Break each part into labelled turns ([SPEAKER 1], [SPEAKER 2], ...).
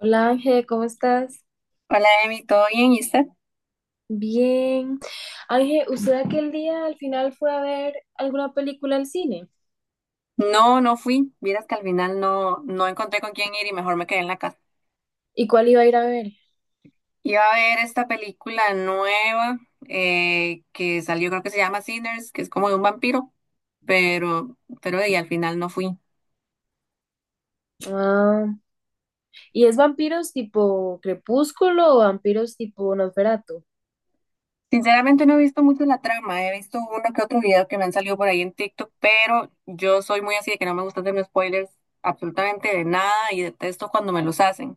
[SPEAKER 1] Hola Ángel, ¿cómo estás?
[SPEAKER 2] Hola, Emi, ¿todo bien? ¿Y usted?
[SPEAKER 1] Bien. Ángel, ¿usted aquel día al final fue a ver alguna película al cine?
[SPEAKER 2] No, no fui. Vieras que al final no encontré con quién ir y mejor me quedé en la casa.
[SPEAKER 1] ¿Y cuál iba a ir a ver?
[SPEAKER 2] Iba a ver esta película nueva que salió, creo que se llama Sinners, que es como de un vampiro, pero y al final no fui.
[SPEAKER 1] Ah, ¿y es vampiros tipo Crepúsculo o vampiros tipo Nosferatu?
[SPEAKER 2] Sinceramente no he visto mucho la trama, he visto uno que otro video que me han salido por ahí en TikTok, pero yo soy muy así de que no me gusta hacerme spoilers absolutamente de nada y detesto cuando me los hacen.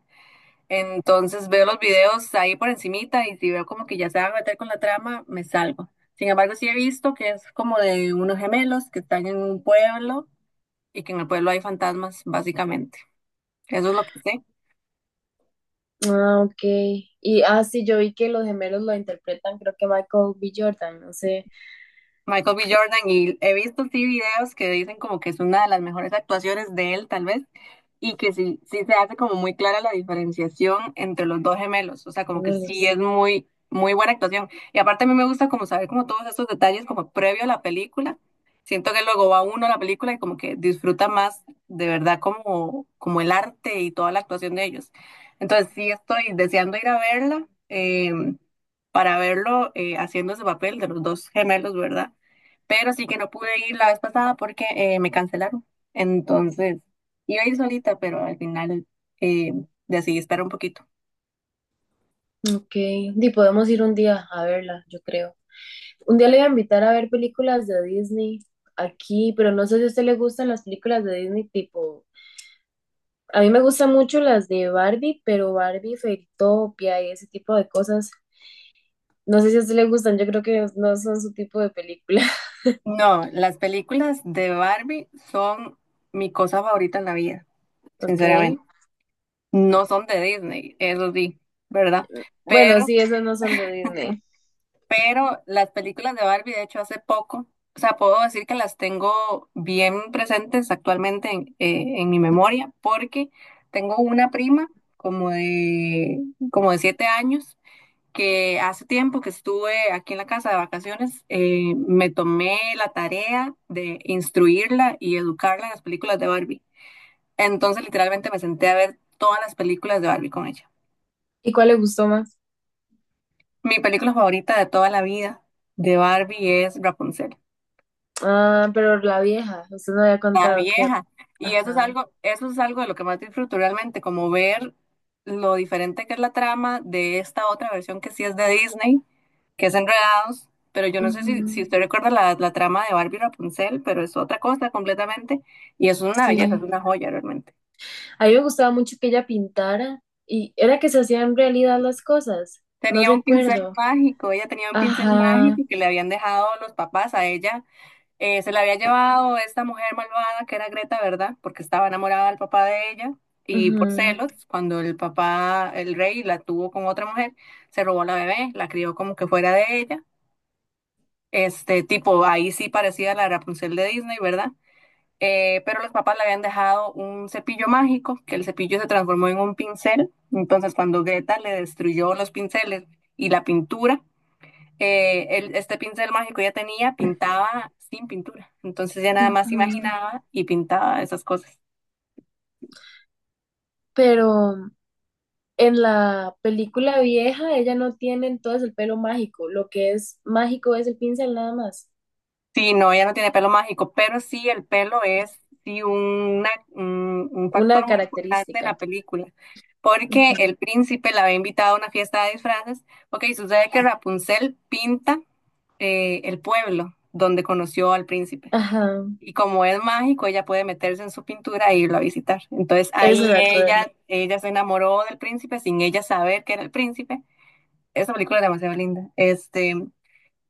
[SPEAKER 2] Entonces veo los videos ahí por encimita y si veo como que ya se van a meter con la trama, me salgo. Sin embargo, sí he visto que es como de unos gemelos que están en un pueblo y que en el pueblo hay fantasmas, básicamente. Eso es lo que sé.
[SPEAKER 1] Ah, ok. Y ah, sí, yo vi que los gemelos lo interpretan, creo que Michael B. Jordan, no sé,
[SPEAKER 2] Michael B. Jordan, y he visto sí videos que dicen como que es una de las mejores actuaciones de él, tal vez, y que sí, sí se hace como muy clara la diferenciación entre los dos gemelos, o sea,
[SPEAKER 1] los
[SPEAKER 2] como que sí
[SPEAKER 1] gemelos.
[SPEAKER 2] es muy, muy buena actuación. Y aparte a mí me gusta como saber como todos estos detalles como previo a la película. Siento que luego va uno a la película y como que disfruta más de verdad como, como el arte y toda la actuación de ellos. Entonces sí estoy deseando ir a verla. Para verlo haciendo ese papel de los dos gemelos, ¿verdad? Pero sí que no pude ir la vez pasada porque me cancelaron. Entonces, iba a ir solita, pero al final eh, decidí esperar un poquito.
[SPEAKER 1] Ok. Y podemos ir un día a verla, yo creo. Un día le voy a invitar a ver películas de Disney aquí, pero no sé si a usted le gustan las películas de Disney tipo. A mí me gustan mucho las de Barbie, pero Barbie, Fairytopia y ese tipo de cosas. No sé si a usted le gustan, yo creo que no son su tipo de película.
[SPEAKER 2] No, las películas de Barbie son mi cosa favorita en la vida,
[SPEAKER 1] Ok.
[SPEAKER 2] sinceramente. No son de Disney, eso sí, ¿verdad?
[SPEAKER 1] Bueno,
[SPEAKER 2] Pero
[SPEAKER 1] sí, esas no son de Disney.
[SPEAKER 2] Pero las películas de Barbie, de hecho, hace poco, o sea, puedo decir que las tengo bien presentes actualmente en mi memoria, porque tengo una prima como de, como de 7 años, que hace tiempo que estuve aquí en la casa de vacaciones, me tomé la tarea de instruirla y educarla en las películas de Barbie. Entonces, literalmente me senté a ver todas las películas de Barbie con ella.
[SPEAKER 1] ¿Y cuál le gustó más?
[SPEAKER 2] Mi película favorita de toda la vida de Barbie es Rapunzel.
[SPEAKER 1] Ah, pero la vieja, usted no había
[SPEAKER 2] La
[SPEAKER 1] contado, creo.
[SPEAKER 2] vieja. Y
[SPEAKER 1] Ajá.
[SPEAKER 2] eso es algo de lo que más disfruto realmente, como ver lo diferente que es la trama de esta otra versión que sí es de Disney, que es Enredados, pero yo no sé si, si
[SPEAKER 1] Ujú,
[SPEAKER 2] usted recuerda la trama de Barbie y Rapunzel, pero es otra cosa completamente, y eso es una belleza, es
[SPEAKER 1] sí.
[SPEAKER 2] una joya realmente.
[SPEAKER 1] A mí me gustaba mucho que ella pintara y era que se hacían realidad las cosas. No
[SPEAKER 2] Tenía un pincel
[SPEAKER 1] recuerdo.
[SPEAKER 2] mágico, ella tenía un pincel
[SPEAKER 1] Ajá.
[SPEAKER 2] mágico que le habían dejado los papás a ella. Se la había llevado esta mujer malvada que era Greta, ¿verdad? Porque estaba enamorada del papá de ella y
[SPEAKER 1] Ujú,
[SPEAKER 2] por celos, cuando el papá, el rey, la tuvo con otra mujer, se robó la bebé, la crió como que fuera de ella. Este tipo, ahí sí parecía la Rapunzel de Disney, ¿verdad? Pero los papás le habían dejado un cepillo mágico, que el cepillo se transformó en un pincel. Entonces, cuando Greta le destruyó los pinceles y la pintura, este pincel mágico ya tenía, pintaba sin pintura. Entonces ya nada más
[SPEAKER 1] ujú.
[SPEAKER 2] imaginaba y pintaba esas cosas.
[SPEAKER 1] Pero en la película vieja, ella no tiene entonces el pelo mágico. Lo que es mágico es el pincel nada más.
[SPEAKER 2] Sí, no, ella no tiene pelo mágico, pero sí el pelo es sí un factor
[SPEAKER 1] Una
[SPEAKER 2] muy importante en
[SPEAKER 1] característica.
[SPEAKER 2] la película, porque
[SPEAKER 1] Ujú.
[SPEAKER 2] el príncipe la había invitado a una fiesta de disfraces. Ok, sucede que Rapunzel pinta el pueblo donde conoció al príncipe.
[SPEAKER 1] Ajá,
[SPEAKER 2] Y como es mágico, ella puede meterse en su pintura e irlo a visitar. Entonces
[SPEAKER 1] eso
[SPEAKER 2] ahí
[SPEAKER 1] me
[SPEAKER 2] ella,
[SPEAKER 1] acuerdo.
[SPEAKER 2] ella se enamoró del príncipe sin ella saber que era el príncipe. Esa película es demasiado linda. Este,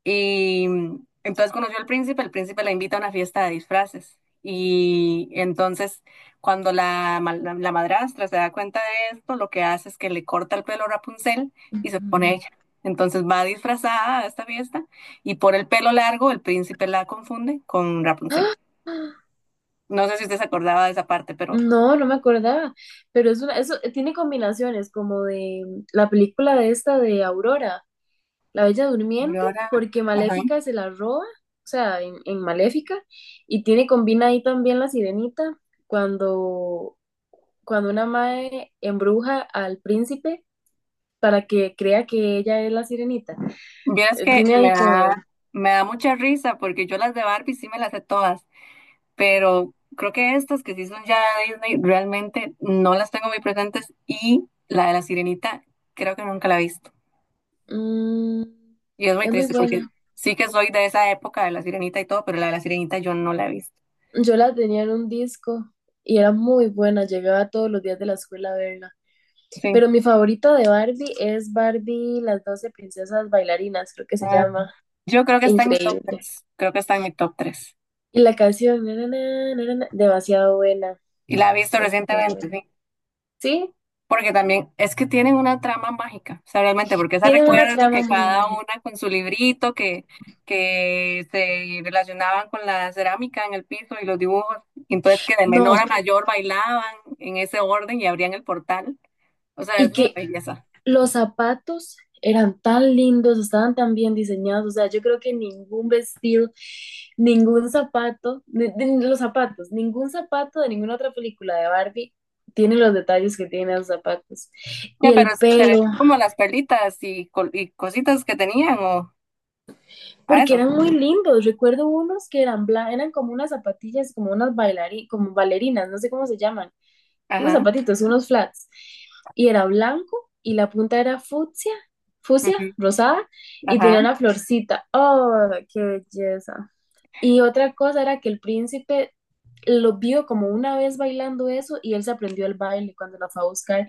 [SPEAKER 2] y mm, entonces conoció al príncipe, el príncipe la invita a una fiesta de disfraces. Y entonces, cuando la madrastra se da cuenta de esto, lo que hace es que le corta el pelo a Rapunzel y se
[SPEAKER 1] Ujú.
[SPEAKER 2] pone ella. Entonces va disfrazada a esta fiesta y por el pelo largo el príncipe la confunde con Rapunzel.
[SPEAKER 1] ¡Ah!
[SPEAKER 2] No sé si usted se acordaba de esa parte, pero,
[SPEAKER 1] No, no me acordaba. Pero es una, eso tiene combinaciones como de la película de esta de Aurora, La Bella
[SPEAKER 2] pero
[SPEAKER 1] Durmiente,
[SPEAKER 2] ahora,
[SPEAKER 1] porque
[SPEAKER 2] ajá.
[SPEAKER 1] Maléfica se la roba, o sea, en Maléfica, y tiene, combina ahí también la Sirenita, cuando cuando una mae embruja al príncipe para que crea que ella es la sirenita.
[SPEAKER 2] Vieras que
[SPEAKER 1] Tiene
[SPEAKER 2] me
[SPEAKER 1] ahí como...
[SPEAKER 2] da, me da mucha risa porque yo las de Barbie sí me las sé todas, pero creo que estas que sí son ya de Disney realmente no las tengo muy presentes, y la de la Sirenita creo que nunca la he visto.
[SPEAKER 1] mm,
[SPEAKER 2] Y es muy
[SPEAKER 1] es muy
[SPEAKER 2] triste porque
[SPEAKER 1] buena.
[SPEAKER 2] sí que soy de esa época de la Sirenita y todo, pero la de la Sirenita yo no la he visto.
[SPEAKER 1] Yo la tenía en un disco y era muy buena. Llegaba todos los días de la escuela a verla.
[SPEAKER 2] Sí.
[SPEAKER 1] Pero mi favorita de Barbie es Barbie, las doce princesas bailarinas, creo que se
[SPEAKER 2] Ah,
[SPEAKER 1] llama.
[SPEAKER 2] yo creo que está en mi top
[SPEAKER 1] Increíble.
[SPEAKER 2] tres. Creo que está en mi top tres.
[SPEAKER 1] Y la canción, na, na, na, na, na, demasiado buena.
[SPEAKER 2] Y la he visto
[SPEAKER 1] Demasiado
[SPEAKER 2] recientemente,
[SPEAKER 1] buena.
[SPEAKER 2] sí.
[SPEAKER 1] Sí,
[SPEAKER 2] Porque también es que tienen una trama mágica, o sea, realmente, porque esa
[SPEAKER 1] tiene una
[SPEAKER 2] recuerdo
[SPEAKER 1] trama
[SPEAKER 2] que
[SPEAKER 1] muy
[SPEAKER 2] cada
[SPEAKER 1] mágica.
[SPEAKER 2] una con su librito, que se relacionaban con la cerámica en el piso y los dibujos, y entonces que de
[SPEAKER 1] No,
[SPEAKER 2] menor a mayor bailaban en ese orden y abrían el portal, o sea,
[SPEAKER 1] y
[SPEAKER 2] es una
[SPEAKER 1] que
[SPEAKER 2] belleza.
[SPEAKER 1] los zapatos eran tan lindos, estaban tan bien diseñados. O sea, yo creo que ningún vestido, ningún zapato, los zapatos, ningún zapato de ninguna otra película de Barbie tiene los detalles que tienen los zapatos. Y
[SPEAKER 2] Ya, pero
[SPEAKER 1] el
[SPEAKER 2] se refiere
[SPEAKER 1] pelo,
[SPEAKER 2] como a las perlitas y, col- y cositas que tenían o a
[SPEAKER 1] porque
[SPEAKER 2] eso.
[SPEAKER 1] eran muy lindos. Recuerdo unos que eran bla, eran como unas zapatillas, como unas como bailarinas, no sé cómo se llaman. Unos
[SPEAKER 2] Ajá,
[SPEAKER 1] zapatitos, unos flats, y era blanco y la punta era fucsia, fucsia,
[SPEAKER 2] ujú,
[SPEAKER 1] rosada, y
[SPEAKER 2] ajá,
[SPEAKER 1] tenía una florcita. ¡Oh, qué belleza! Y otra cosa era que el príncipe lo vio como una vez bailando eso y él se aprendió el baile cuando la fue a buscar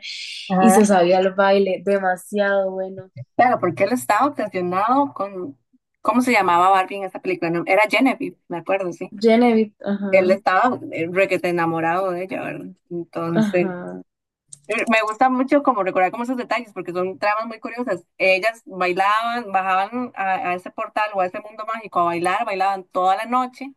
[SPEAKER 1] y se
[SPEAKER 2] ajá.
[SPEAKER 1] sabía el baile, demasiado bueno.
[SPEAKER 2] Claro, porque él estaba obsesionado con, ¿cómo se llamaba Barbie en esa película? No, era Genevieve, me acuerdo, sí.
[SPEAKER 1] Genevieve,
[SPEAKER 2] Él
[SPEAKER 1] ajá,
[SPEAKER 2] estaba requete enamorado de ella, ¿verdad? Entonces,
[SPEAKER 1] ajá.
[SPEAKER 2] me gusta mucho como recordar como esos detalles, porque son tramas muy curiosas. Ellas bailaban, bajaban a ese portal o a ese mundo mágico a bailar, bailaban toda la noche.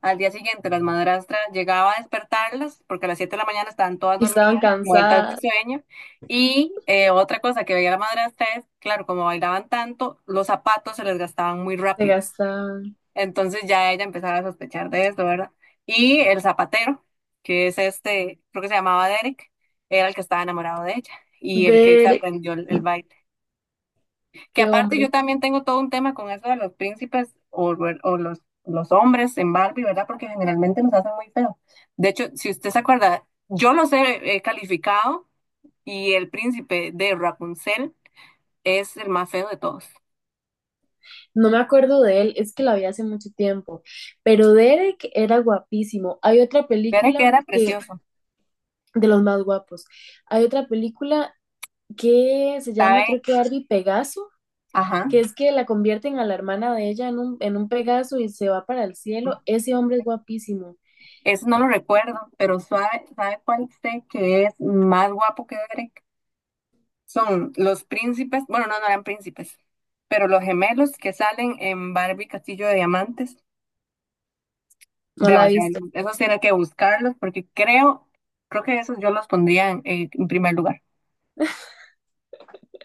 [SPEAKER 2] Al día siguiente, las madrastras llegaba a despertarlas, porque a las 7 de la mañana estaban todas
[SPEAKER 1] Y estaban
[SPEAKER 2] dormidas, muertas de
[SPEAKER 1] cansadas,
[SPEAKER 2] sueño. Y otra cosa que veía la madrastra es, claro, como bailaban tanto, los zapatos se les gastaban muy
[SPEAKER 1] se
[SPEAKER 2] rápido.
[SPEAKER 1] gastaban.
[SPEAKER 2] Entonces ya ella empezaba a sospechar de esto, ¿verdad? Y el zapatero, que es este, creo que se llamaba Derek, era el que estaba enamorado de ella y el que se
[SPEAKER 1] Derek,
[SPEAKER 2] aprendió el baile. Que
[SPEAKER 1] qué
[SPEAKER 2] aparte yo
[SPEAKER 1] hombre.
[SPEAKER 2] también tengo todo un tema con eso de los príncipes o los hombres en Barbie, ¿verdad? Porque generalmente nos hacen muy feo. De hecho, si usted se acuerda, yo los he calificado y el príncipe de Rapunzel es el más feo de todos.
[SPEAKER 1] No me acuerdo de él, es que la vi hace mucho tiempo, pero Derek era guapísimo. Hay otra
[SPEAKER 2] Derek
[SPEAKER 1] película
[SPEAKER 2] era
[SPEAKER 1] que,
[SPEAKER 2] precioso,
[SPEAKER 1] de los más guapos, hay otra película que se llama,
[SPEAKER 2] ¿sabe?
[SPEAKER 1] creo que Barbie Pegaso,
[SPEAKER 2] Ajá.
[SPEAKER 1] que es que la convierten a la hermana de ella en un Pegaso y se va para el cielo. Ese hombre es guapísimo,
[SPEAKER 2] Eso no lo recuerdo, pero ¿sabe cuál sé que es más guapo que Derek? Son los príncipes, bueno, no, no eran príncipes, pero los gemelos que salen en Barbie Castillo de Diamantes.
[SPEAKER 1] no la he
[SPEAKER 2] Demasiado,
[SPEAKER 1] visto.
[SPEAKER 2] esos tiene que buscarlos porque creo que esos yo los pondría en primer lugar.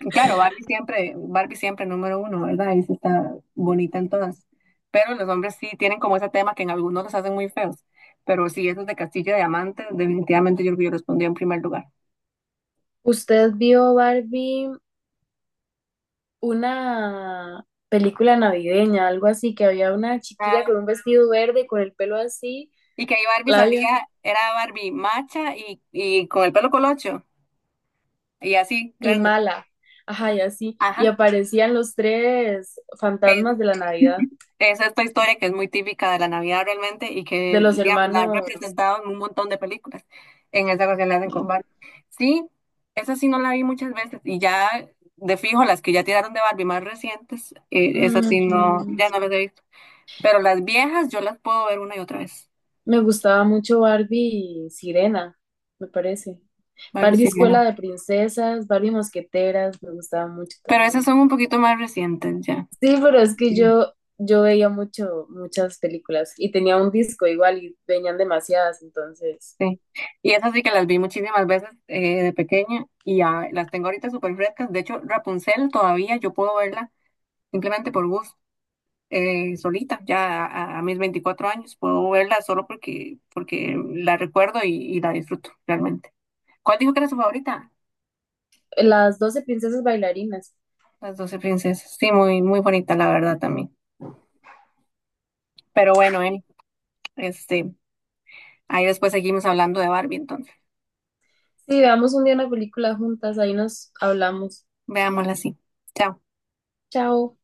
[SPEAKER 2] Y claro, Barbie siempre número uno, ¿verdad? Ahí sí está bonita en todas. Pero los hombres sí tienen como ese tema que en algunos los hacen muy feos. Pero sí, esos de Castillo de Diamantes, definitivamente yo creo que yo los pondría en primer lugar.
[SPEAKER 1] ¿Usted vio Barbie una película navideña, algo así, que había una chiquilla con un vestido verde, con el pelo así,
[SPEAKER 2] Y que ahí Barbie
[SPEAKER 1] la vio?
[SPEAKER 2] salía, era Barbie macha y con el pelo colocho y así,
[SPEAKER 1] Y
[SPEAKER 2] grande.
[SPEAKER 1] mala. Ajá, y así.
[SPEAKER 2] Ajá.
[SPEAKER 1] Y aparecían los tres
[SPEAKER 2] Es,
[SPEAKER 1] fantasmas de la Navidad,
[SPEAKER 2] es esta historia que es muy típica de la Navidad realmente y
[SPEAKER 1] de
[SPEAKER 2] que,
[SPEAKER 1] los
[SPEAKER 2] digamos, la han
[SPEAKER 1] hermanos.
[SPEAKER 2] representado en un montón de películas. En esa ocasión la hacen con Barbie. Sí, esa sí no la vi muchas veces y ya de fijo las que ya tiraron de Barbie más recientes, esas sí no,
[SPEAKER 1] Mm,
[SPEAKER 2] ya no las he visto. Pero las viejas yo las puedo ver una y otra vez.
[SPEAKER 1] me gustaba mucho Barbie y Sirena, me parece.
[SPEAKER 2] Barbie
[SPEAKER 1] Barbie
[SPEAKER 2] sí, ya
[SPEAKER 1] Escuela
[SPEAKER 2] no.
[SPEAKER 1] de Princesas, Barbie Mosqueteras, me gustaba mucho
[SPEAKER 2] Pero esas
[SPEAKER 1] también.
[SPEAKER 2] son un poquito más recientes ya.
[SPEAKER 1] Sí, pero es que
[SPEAKER 2] Sí.
[SPEAKER 1] yo veía mucho, muchas películas y tenía un disco igual y venían demasiadas, entonces.
[SPEAKER 2] Sí, y esas sí que las vi muchísimas veces de pequeña y ya las tengo ahorita súper frescas. De hecho, Rapunzel todavía yo puedo verla simplemente por gusto, solita, ya a mis 24 años. Puedo verla solo porque la recuerdo y la disfruto realmente. ¿Cuál dijo que era su favorita?
[SPEAKER 1] Las doce princesas bailarinas.
[SPEAKER 2] Las 12 princesas. Sí, muy, muy bonita, la verdad también. Pero bueno, Eli, este, ahí después seguimos hablando de Barbie, entonces.
[SPEAKER 1] Sí, veamos un día una película juntas, ahí nos hablamos.
[SPEAKER 2] Veámosla así. Chao.
[SPEAKER 1] Chao.